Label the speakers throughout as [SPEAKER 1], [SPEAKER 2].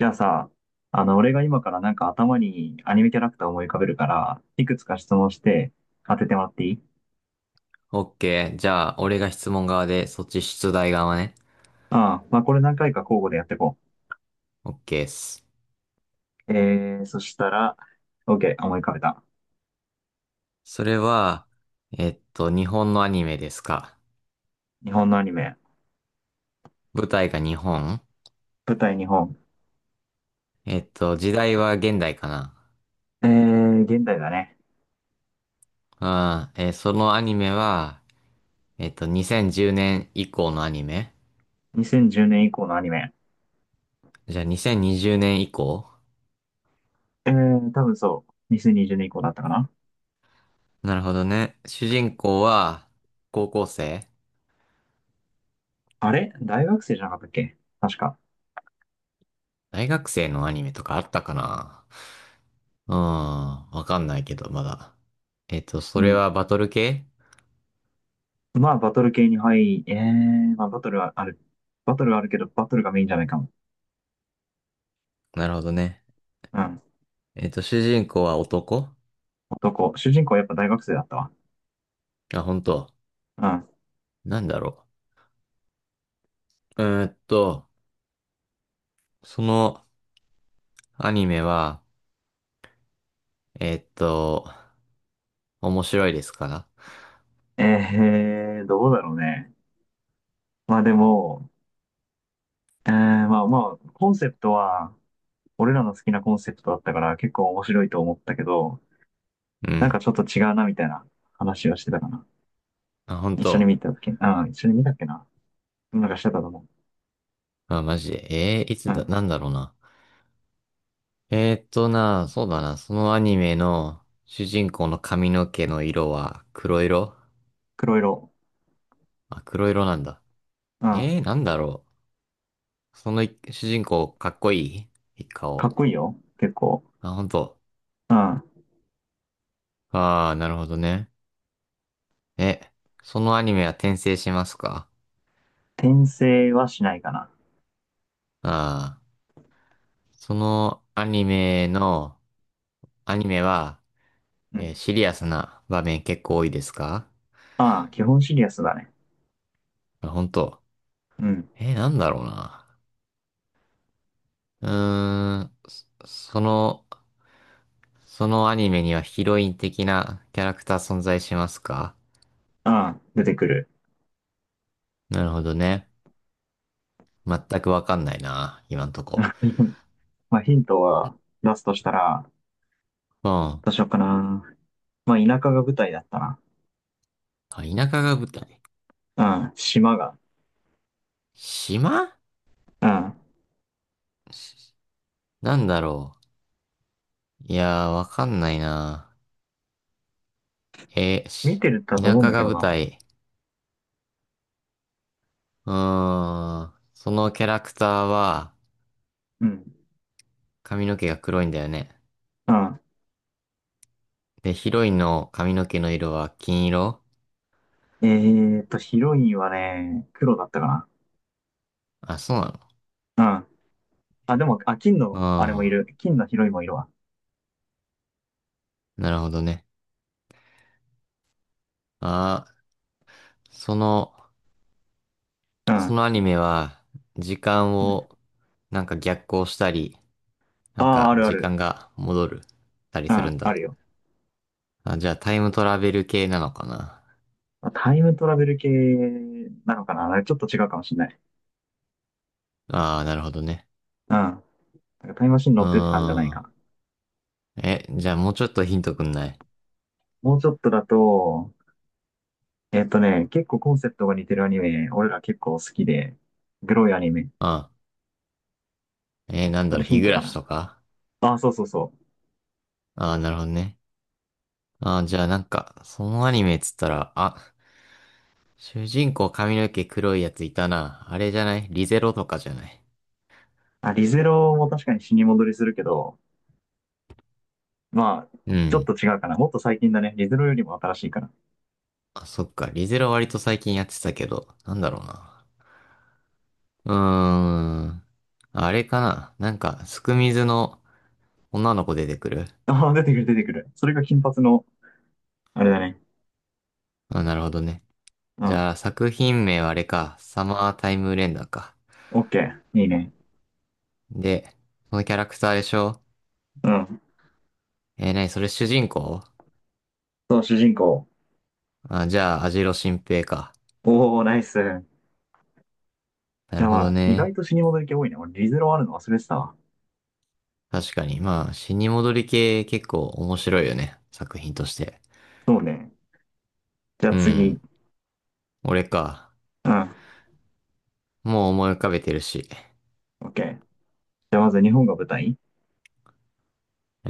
[SPEAKER 1] じゃあさ、俺が今からなんか頭にアニメキャラクターを思い浮かべるから、いくつか質問して当ててもらっていい？
[SPEAKER 2] オッケー。じゃあ、俺が質問側で、そっち出題側ね。
[SPEAKER 1] ああ、まあこれ何回か交互でやっていこ
[SPEAKER 2] オッケーっす。
[SPEAKER 1] う。そしたら、OK、思い浮かべた。
[SPEAKER 2] それは、日本のアニメですか？
[SPEAKER 1] 日本のアニメ。
[SPEAKER 2] 舞台が日本？
[SPEAKER 1] 舞台日本。
[SPEAKER 2] 時代は現代かな？
[SPEAKER 1] 現代だね。
[SPEAKER 2] あー、そのアニメは、2010年以降のアニメ？
[SPEAKER 1] 2010年以降のアニメ。
[SPEAKER 2] じゃあ、2020年以降？
[SPEAKER 1] 多分そう。2020年以降だったかな。
[SPEAKER 2] なるほどね。主人公は、高校生？
[SPEAKER 1] あれ大学生じゃなかったっけ確か。
[SPEAKER 2] 大学生のアニメとかあったかな？うーん、わかんないけど、まだ。そ
[SPEAKER 1] う
[SPEAKER 2] れ
[SPEAKER 1] ん。
[SPEAKER 2] はバトル系？
[SPEAKER 1] まあバトル系に入り、まあバトルはある。バトルはあるけど、バトルがメインじゃないかも。
[SPEAKER 2] なるほどね。
[SPEAKER 1] うん。
[SPEAKER 2] 主人公は男？
[SPEAKER 1] どこ主人公はやっぱ大学生だったわ。
[SPEAKER 2] あ、本当。
[SPEAKER 1] うん。
[SPEAKER 2] なんだろう。そのアニメは、えっと、面白いですか？
[SPEAKER 1] どうだろうね。まあでも、まあまあ、コンセプトは、俺らの好きなコンセプトだったから結構面白いと思ったけど、
[SPEAKER 2] う
[SPEAKER 1] なんか
[SPEAKER 2] ん。
[SPEAKER 1] ちょっと違うなみたいな話をしてたかな。
[SPEAKER 2] あ、本
[SPEAKER 1] 一緒に
[SPEAKER 2] 当。
[SPEAKER 1] 見たうん、一緒に見たっけな。なんかしてたと思
[SPEAKER 2] あ、マジで。い
[SPEAKER 1] う。
[SPEAKER 2] つ
[SPEAKER 1] う
[SPEAKER 2] だ、
[SPEAKER 1] ん。
[SPEAKER 2] なんだろうな。そうだな。そのアニメの主人公の髪の毛の色は黒色？
[SPEAKER 1] 黒色。
[SPEAKER 2] あ、黒色なんだ。
[SPEAKER 1] うん。
[SPEAKER 2] なんだろう。そのい主人公かっこいい
[SPEAKER 1] か
[SPEAKER 2] 顔？
[SPEAKER 1] っこいいよ。結構。
[SPEAKER 2] あ、本当。
[SPEAKER 1] うん。
[SPEAKER 2] ああ、なるほどね。え、そのアニメは転生しますか？
[SPEAKER 1] 転生はしないかな。
[SPEAKER 2] ああ、そのアニメの、アニメは、
[SPEAKER 1] うん。
[SPEAKER 2] シリアスな場面結構多いですか？
[SPEAKER 1] ああ、基本シリアスだね。
[SPEAKER 2] あ本当。
[SPEAKER 1] うん。
[SPEAKER 2] なんだろうな。うーん、そのアニメにはヒロイン的なキャラクター存在しますか？
[SPEAKER 1] ああ、出てくる。
[SPEAKER 2] なるほどね。全くわかんないな、今んとこ。
[SPEAKER 1] まあヒントは出すとしたら、
[SPEAKER 2] うん。あ、
[SPEAKER 1] どうしようかな。まあ、田舎が舞台だったな。
[SPEAKER 2] 田舎が舞台。
[SPEAKER 1] うん、島が。
[SPEAKER 2] 島？
[SPEAKER 1] うん。
[SPEAKER 2] しなんだろう。いやー、わかんないな。えー
[SPEAKER 1] 見
[SPEAKER 2] し
[SPEAKER 1] てるだと
[SPEAKER 2] 田
[SPEAKER 1] 思うん
[SPEAKER 2] 舎
[SPEAKER 1] だけ
[SPEAKER 2] が
[SPEAKER 1] ど
[SPEAKER 2] 舞
[SPEAKER 1] な。
[SPEAKER 2] 台。うーん。そのキャラクターは
[SPEAKER 1] うん。
[SPEAKER 2] 髪の毛が黒いんだよね。
[SPEAKER 1] うん。
[SPEAKER 2] で、ヒロインの髪の毛の色は金色？
[SPEAKER 1] えーっと、ヒロインはね、黒だったか
[SPEAKER 2] あ、そうなの？
[SPEAKER 1] な。うん。あ、でも、あ、金の、あれもい
[SPEAKER 2] あ
[SPEAKER 1] る。金のヒロインもいるわ。
[SPEAKER 2] あなるほどね。ああ、その、
[SPEAKER 1] う
[SPEAKER 2] そ
[SPEAKER 1] ん。
[SPEAKER 2] のアニメは時間をなんか逆行したり、な
[SPEAKER 1] あ
[SPEAKER 2] ん
[SPEAKER 1] あ、
[SPEAKER 2] か
[SPEAKER 1] あるあ
[SPEAKER 2] 時
[SPEAKER 1] る。
[SPEAKER 2] 間が戻る、たり
[SPEAKER 1] う
[SPEAKER 2] する
[SPEAKER 1] ん、
[SPEAKER 2] ん
[SPEAKER 1] あ
[SPEAKER 2] だ。
[SPEAKER 1] るよ。
[SPEAKER 2] あ、じゃあタイムトラベル系なのかな？
[SPEAKER 1] タイムトラベル系なのかな。あれちょっと違うかもしれない。
[SPEAKER 2] ああなるほどね。
[SPEAKER 1] うん。なんかタイムマシン
[SPEAKER 2] うー
[SPEAKER 1] 乗ってって感じじゃない
[SPEAKER 2] ん。
[SPEAKER 1] かな。
[SPEAKER 2] え、じゃあもうちょっとヒントくんない？
[SPEAKER 1] もうちょっとだと、えっとね、結構コンセプトが似てるアニメ、俺ら結構好きで、グロいアニメ。
[SPEAKER 2] あ、なん
[SPEAKER 1] そ
[SPEAKER 2] だ
[SPEAKER 1] れ
[SPEAKER 2] ろう、
[SPEAKER 1] ヒ
[SPEAKER 2] 日
[SPEAKER 1] ン
[SPEAKER 2] 暮
[SPEAKER 1] トか
[SPEAKER 2] らし
[SPEAKER 1] な。
[SPEAKER 2] とか？
[SPEAKER 1] あ、そうそうそう。
[SPEAKER 2] ああなるほどね。ああ、じゃあなんか、そのアニメっつったら、あ、主人公髪の毛黒いやついたな。あれじゃないリゼロとかじゃない？
[SPEAKER 1] あ、リゼロも確かに死に戻りするけど、まあ、
[SPEAKER 2] う
[SPEAKER 1] ちょっ
[SPEAKER 2] ん。
[SPEAKER 1] と違うかな。もっと最近だね。リゼロよりも新しいから。
[SPEAKER 2] あ、そっか。リゼロ割と最近やってたけど、なんだろうな。うーん。あれかななんか、すくみずの女の子出てくる？
[SPEAKER 1] ああ、出てくる出てくる。それが金髪の、あれだね。
[SPEAKER 2] あ、なるほどね。
[SPEAKER 1] う
[SPEAKER 2] じ
[SPEAKER 1] ん。
[SPEAKER 2] ゃあ、作品名はあれか。サマータイムレンダーか。
[SPEAKER 1] オッケー。いいね。
[SPEAKER 2] で、そのキャラクターでしょ？
[SPEAKER 1] うん。
[SPEAKER 2] なにそれ主人公？
[SPEAKER 1] そう、主人公。
[SPEAKER 2] あ、じゃあ、アジロ新平か。
[SPEAKER 1] おお、ナイス。
[SPEAKER 2] な
[SPEAKER 1] じゃ
[SPEAKER 2] る
[SPEAKER 1] あ
[SPEAKER 2] ほ
[SPEAKER 1] ま
[SPEAKER 2] ど
[SPEAKER 1] あ、意外
[SPEAKER 2] ね。
[SPEAKER 1] と死に戻り系多いね。俺、リゼロあるの忘れてたわ。
[SPEAKER 2] 確かに。まあ、死に戻り系結構面白いよね。作品として。
[SPEAKER 1] そうね。じゃあ
[SPEAKER 2] うん。
[SPEAKER 1] 次。
[SPEAKER 2] 俺か。
[SPEAKER 1] うん。
[SPEAKER 2] もう思い浮かべてるし。
[SPEAKER 1] オッケー。じゃあまず日本が舞台？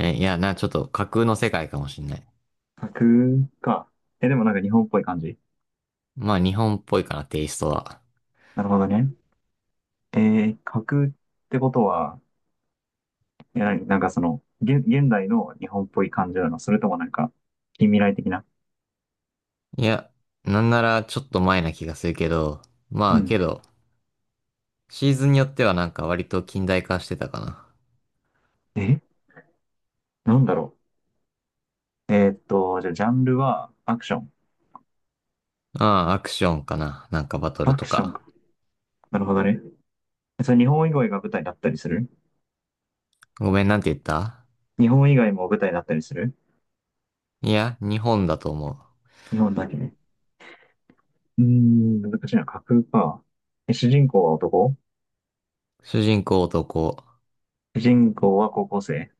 [SPEAKER 2] え、いや、ちょっと架空の世界かもしんない。
[SPEAKER 1] 架空か。え、でもなんか日本っぽい感じ。
[SPEAKER 2] まあ、日本っぽいかな、テイストは。
[SPEAKER 1] なるほどね。え架空ってことは、いや、なんかその、現代の日本っぽい感じなの？それともなんか、近未来的な。
[SPEAKER 2] いや、なんならちょっと前な気がするけど、
[SPEAKER 1] う
[SPEAKER 2] まあ、
[SPEAKER 1] ん。
[SPEAKER 2] けど、シーズンによってはなんか割と近代化してたか
[SPEAKER 1] え、なんだろう。えーっと、じゃあ、ジャンルはアクション。
[SPEAKER 2] な。ああ、アクションかな。なんかバトル
[SPEAKER 1] アク
[SPEAKER 2] と
[SPEAKER 1] ション
[SPEAKER 2] か。
[SPEAKER 1] か。なるほどね。それ日本以外が舞台だったりする？
[SPEAKER 2] ごめん、なんて言った？
[SPEAKER 1] 日本以外も舞台だったりする？
[SPEAKER 2] いや、日本だと思う。
[SPEAKER 1] 日本だけね。うーん、難しいな。架空か。え、主人公は男？
[SPEAKER 2] 主人公男。
[SPEAKER 1] 主人公は高校生？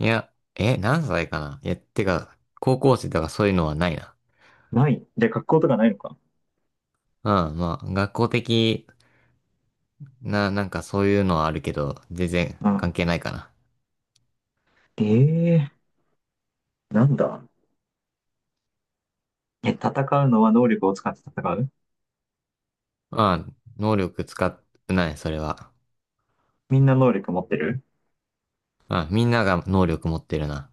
[SPEAKER 2] いや、え、何歳かないや、てか、高校生とかそういうのはないな。
[SPEAKER 1] ない。じゃあ、格好とかないのか。
[SPEAKER 2] うん、まあ、学校的な、なんかそういうのはあるけど、全然
[SPEAKER 1] う
[SPEAKER 2] 関
[SPEAKER 1] ん。
[SPEAKER 2] 係ないかな。
[SPEAKER 1] ええー、なんだ。え、戦うのは能力を使って戦う？
[SPEAKER 2] うん、能力使ってない、それは。
[SPEAKER 1] みんな能力持ってる？
[SPEAKER 2] うん、みんなが能力持ってるな。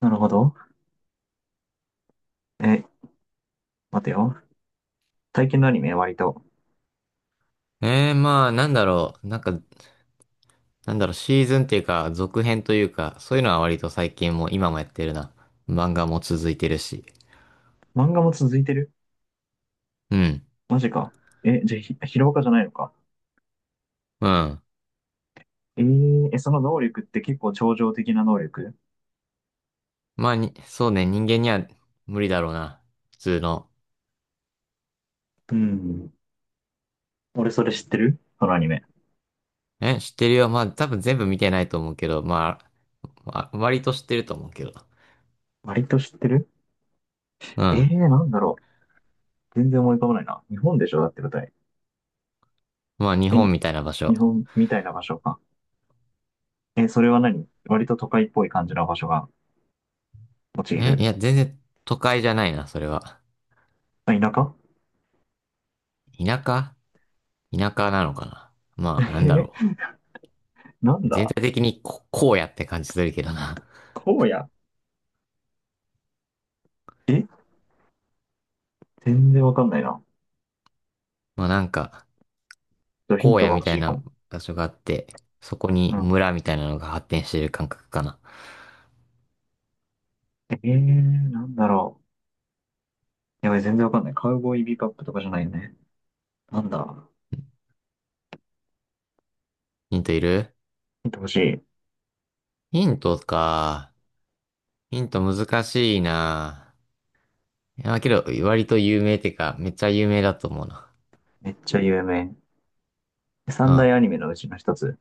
[SPEAKER 1] なるほど。え、待てよ。最近のアニメ割と。
[SPEAKER 2] まあ、なんだろう、なんか、なんだろう、シーズンっていうか、続編というか、そういうのは割と最近も、今もやってるな。漫画も続いてるし。
[SPEAKER 1] 漫画も続いてる？
[SPEAKER 2] うん、
[SPEAKER 1] マジか。え、じゃあヒロアカじゃないのか。
[SPEAKER 2] うん。
[SPEAKER 1] えー、え、その能力って結構超常的な能力？
[SPEAKER 2] まあ、そうね、人間には無理だろうな。普通の。
[SPEAKER 1] うん。俺それ知ってるそのアニメ。
[SPEAKER 2] え、知ってるよ。まあ、多分全部見てないと思うけど、まあ、割と知ってると思うけど。
[SPEAKER 1] 割と知ってる？
[SPEAKER 2] う
[SPEAKER 1] えー、
[SPEAKER 2] ん。
[SPEAKER 1] なんだろう。全然思い浮かばないな。日本でしょだって舞台。
[SPEAKER 2] まあ、日
[SPEAKER 1] え、
[SPEAKER 2] 本みたいな場所。
[SPEAKER 1] 日本みたいな場所か。え、それは何割と都会っぽい感じの場所がモチー
[SPEAKER 2] え、い
[SPEAKER 1] フ？
[SPEAKER 2] や、全然都会じゃないな、それは。
[SPEAKER 1] あ、田舎？
[SPEAKER 2] 田舎田舎なのかな。まあ、なんだ
[SPEAKER 1] え、
[SPEAKER 2] ろ
[SPEAKER 1] なん
[SPEAKER 2] う。全
[SPEAKER 1] だ？
[SPEAKER 2] 体的に荒野って感じするけどな。
[SPEAKER 1] 荒野？え、全然わかんないな。ちょ
[SPEAKER 2] まあ、なんか、
[SPEAKER 1] っとヒン
[SPEAKER 2] 荒
[SPEAKER 1] ト
[SPEAKER 2] 野
[SPEAKER 1] が
[SPEAKER 2] み
[SPEAKER 1] 欲
[SPEAKER 2] た
[SPEAKER 1] し
[SPEAKER 2] い
[SPEAKER 1] いか
[SPEAKER 2] な
[SPEAKER 1] も。
[SPEAKER 2] 場所があって、そこに
[SPEAKER 1] うん。
[SPEAKER 2] 村みたいなのが発展してる感覚かな。
[SPEAKER 1] えー、なんだろう。やばい、全然わかんない。カウボーイビバップとかじゃないよね。なんだ。
[SPEAKER 2] ヒントいる？
[SPEAKER 1] 見てほしい。
[SPEAKER 2] ヒントか。ヒント難しいな。いや、けど、割と有名ってか、めっちゃ有名だと思うな。
[SPEAKER 1] めっちゃ有名。三大
[SPEAKER 2] あ
[SPEAKER 1] アニメのうちの一つ。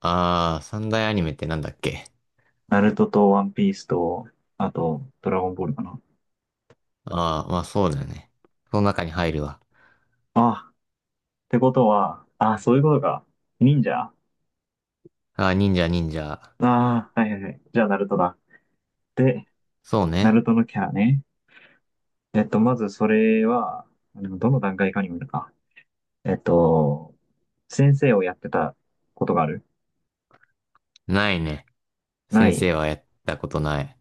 [SPEAKER 2] あー、三大アニメってなんだっけ？
[SPEAKER 1] ナルトとワンピースと、あと、ドラゴンボールかな。
[SPEAKER 2] ああー、まあそうだよね。その中に入るわ。
[SPEAKER 1] ああ、ってことは、ああ、そういうことか。忍者？あ
[SPEAKER 2] ああ、忍者忍者。
[SPEAKER 1] あー、はいはいはい。じゃあ、ナルトだ。で、
[SPEAKER 2] そう
[SPEAKER 1] ナ
[SPEAKER 2] ね。
[SPEAKER 1] ルトのキャラね。えっと、まずそれは、でもどの段階かにもよるか。えっと、先生をやってたことがある？
[SPEAKER 2] ないね。
[SPEAKER 1] な
[SPEAKER 2] 先
[SPEAKER 1] い。
[SPEAKER 2] 生はやったことない。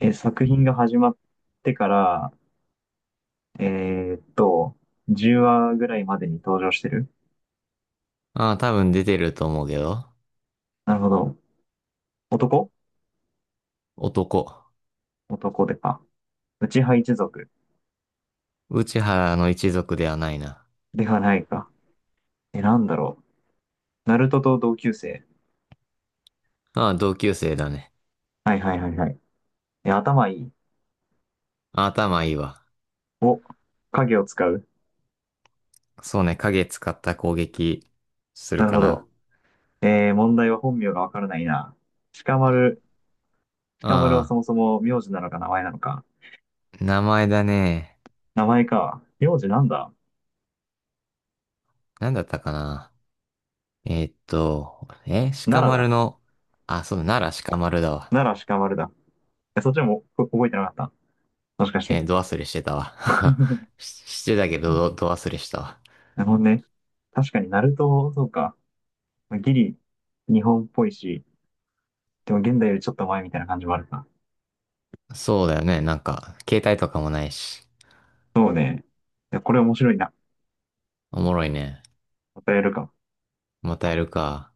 [SPEAKER 1] え、作品が始まってから、えーっと、10話ぐらいまでに登場してる？
[SPEAKER 2] ああ、多分出てると思うけど。
[SPEAKER 1] なるほど。男？
[SPEAKER 2] 男。
[SPEAKER 1] 男でか。内派一族？
[SPEAKER 2] 内原の一族ではないな。
[SPEAKER 1] ではないか。え、なんだろう。ナルトと同級生？
[SPEAKER 2] ああ、同級生だね。
[SPEAKER 1] はいはいはいはい。え、頭いい？
[SPEAKER 2] ああ、頭いいわ。
[SPEAKER 1] お、影を使う？
[SPEAKER 2] そうね、影使った攻撃する
[SPEAKER 1] なる
[SPEAKER 2] か
[SPEAKER 1] ほ
[SPEAKER 2] な。
[SPEAKER 1] ど。えー、問題は本名がわからないな。鹿丸。鹿丸は
[SPEAKER 2] あ
[SPEAKER 1] そもそも名字なのか名前なのか。
[SPEAKER 2] あ、名前だね。
[SPEAKER 1] 名前か。名字なんだ？
[SPEAKER 2] なんだったかな。え、
[SPEAKER 1] 奈
[SPEAKER 2] 鹿
[SPEAKER 1] 良
[SPEAKER 2] 丸
[SPEAKER 1] だ。
[SPEAKER 2] の、あ、そうだ、奈良鹿丸だわ。
[SPEAKER 1] 奈良鹿丸だ。え、そっちもこ覚えてなかった？もしかして。
[SPEAKER 2] ど忘れしてたわ。し、してたけど、ど忘れしたわ。
[SPEAKER 1] なるほどね。確かに、ナルト、そうか。ギリ、日本っぽいし、でも現代よりちょっと前みたいな感じもあるか。
[SPEAKER 2] そうだよね。なんか、携帯とかもないし。
[SPEAKER 1] そうね。いやこれ面白いな。
[SPEAKER 2] おもろいね。
[SPEAKER 1] またやるか。
[SPEAKER 2] またやるか。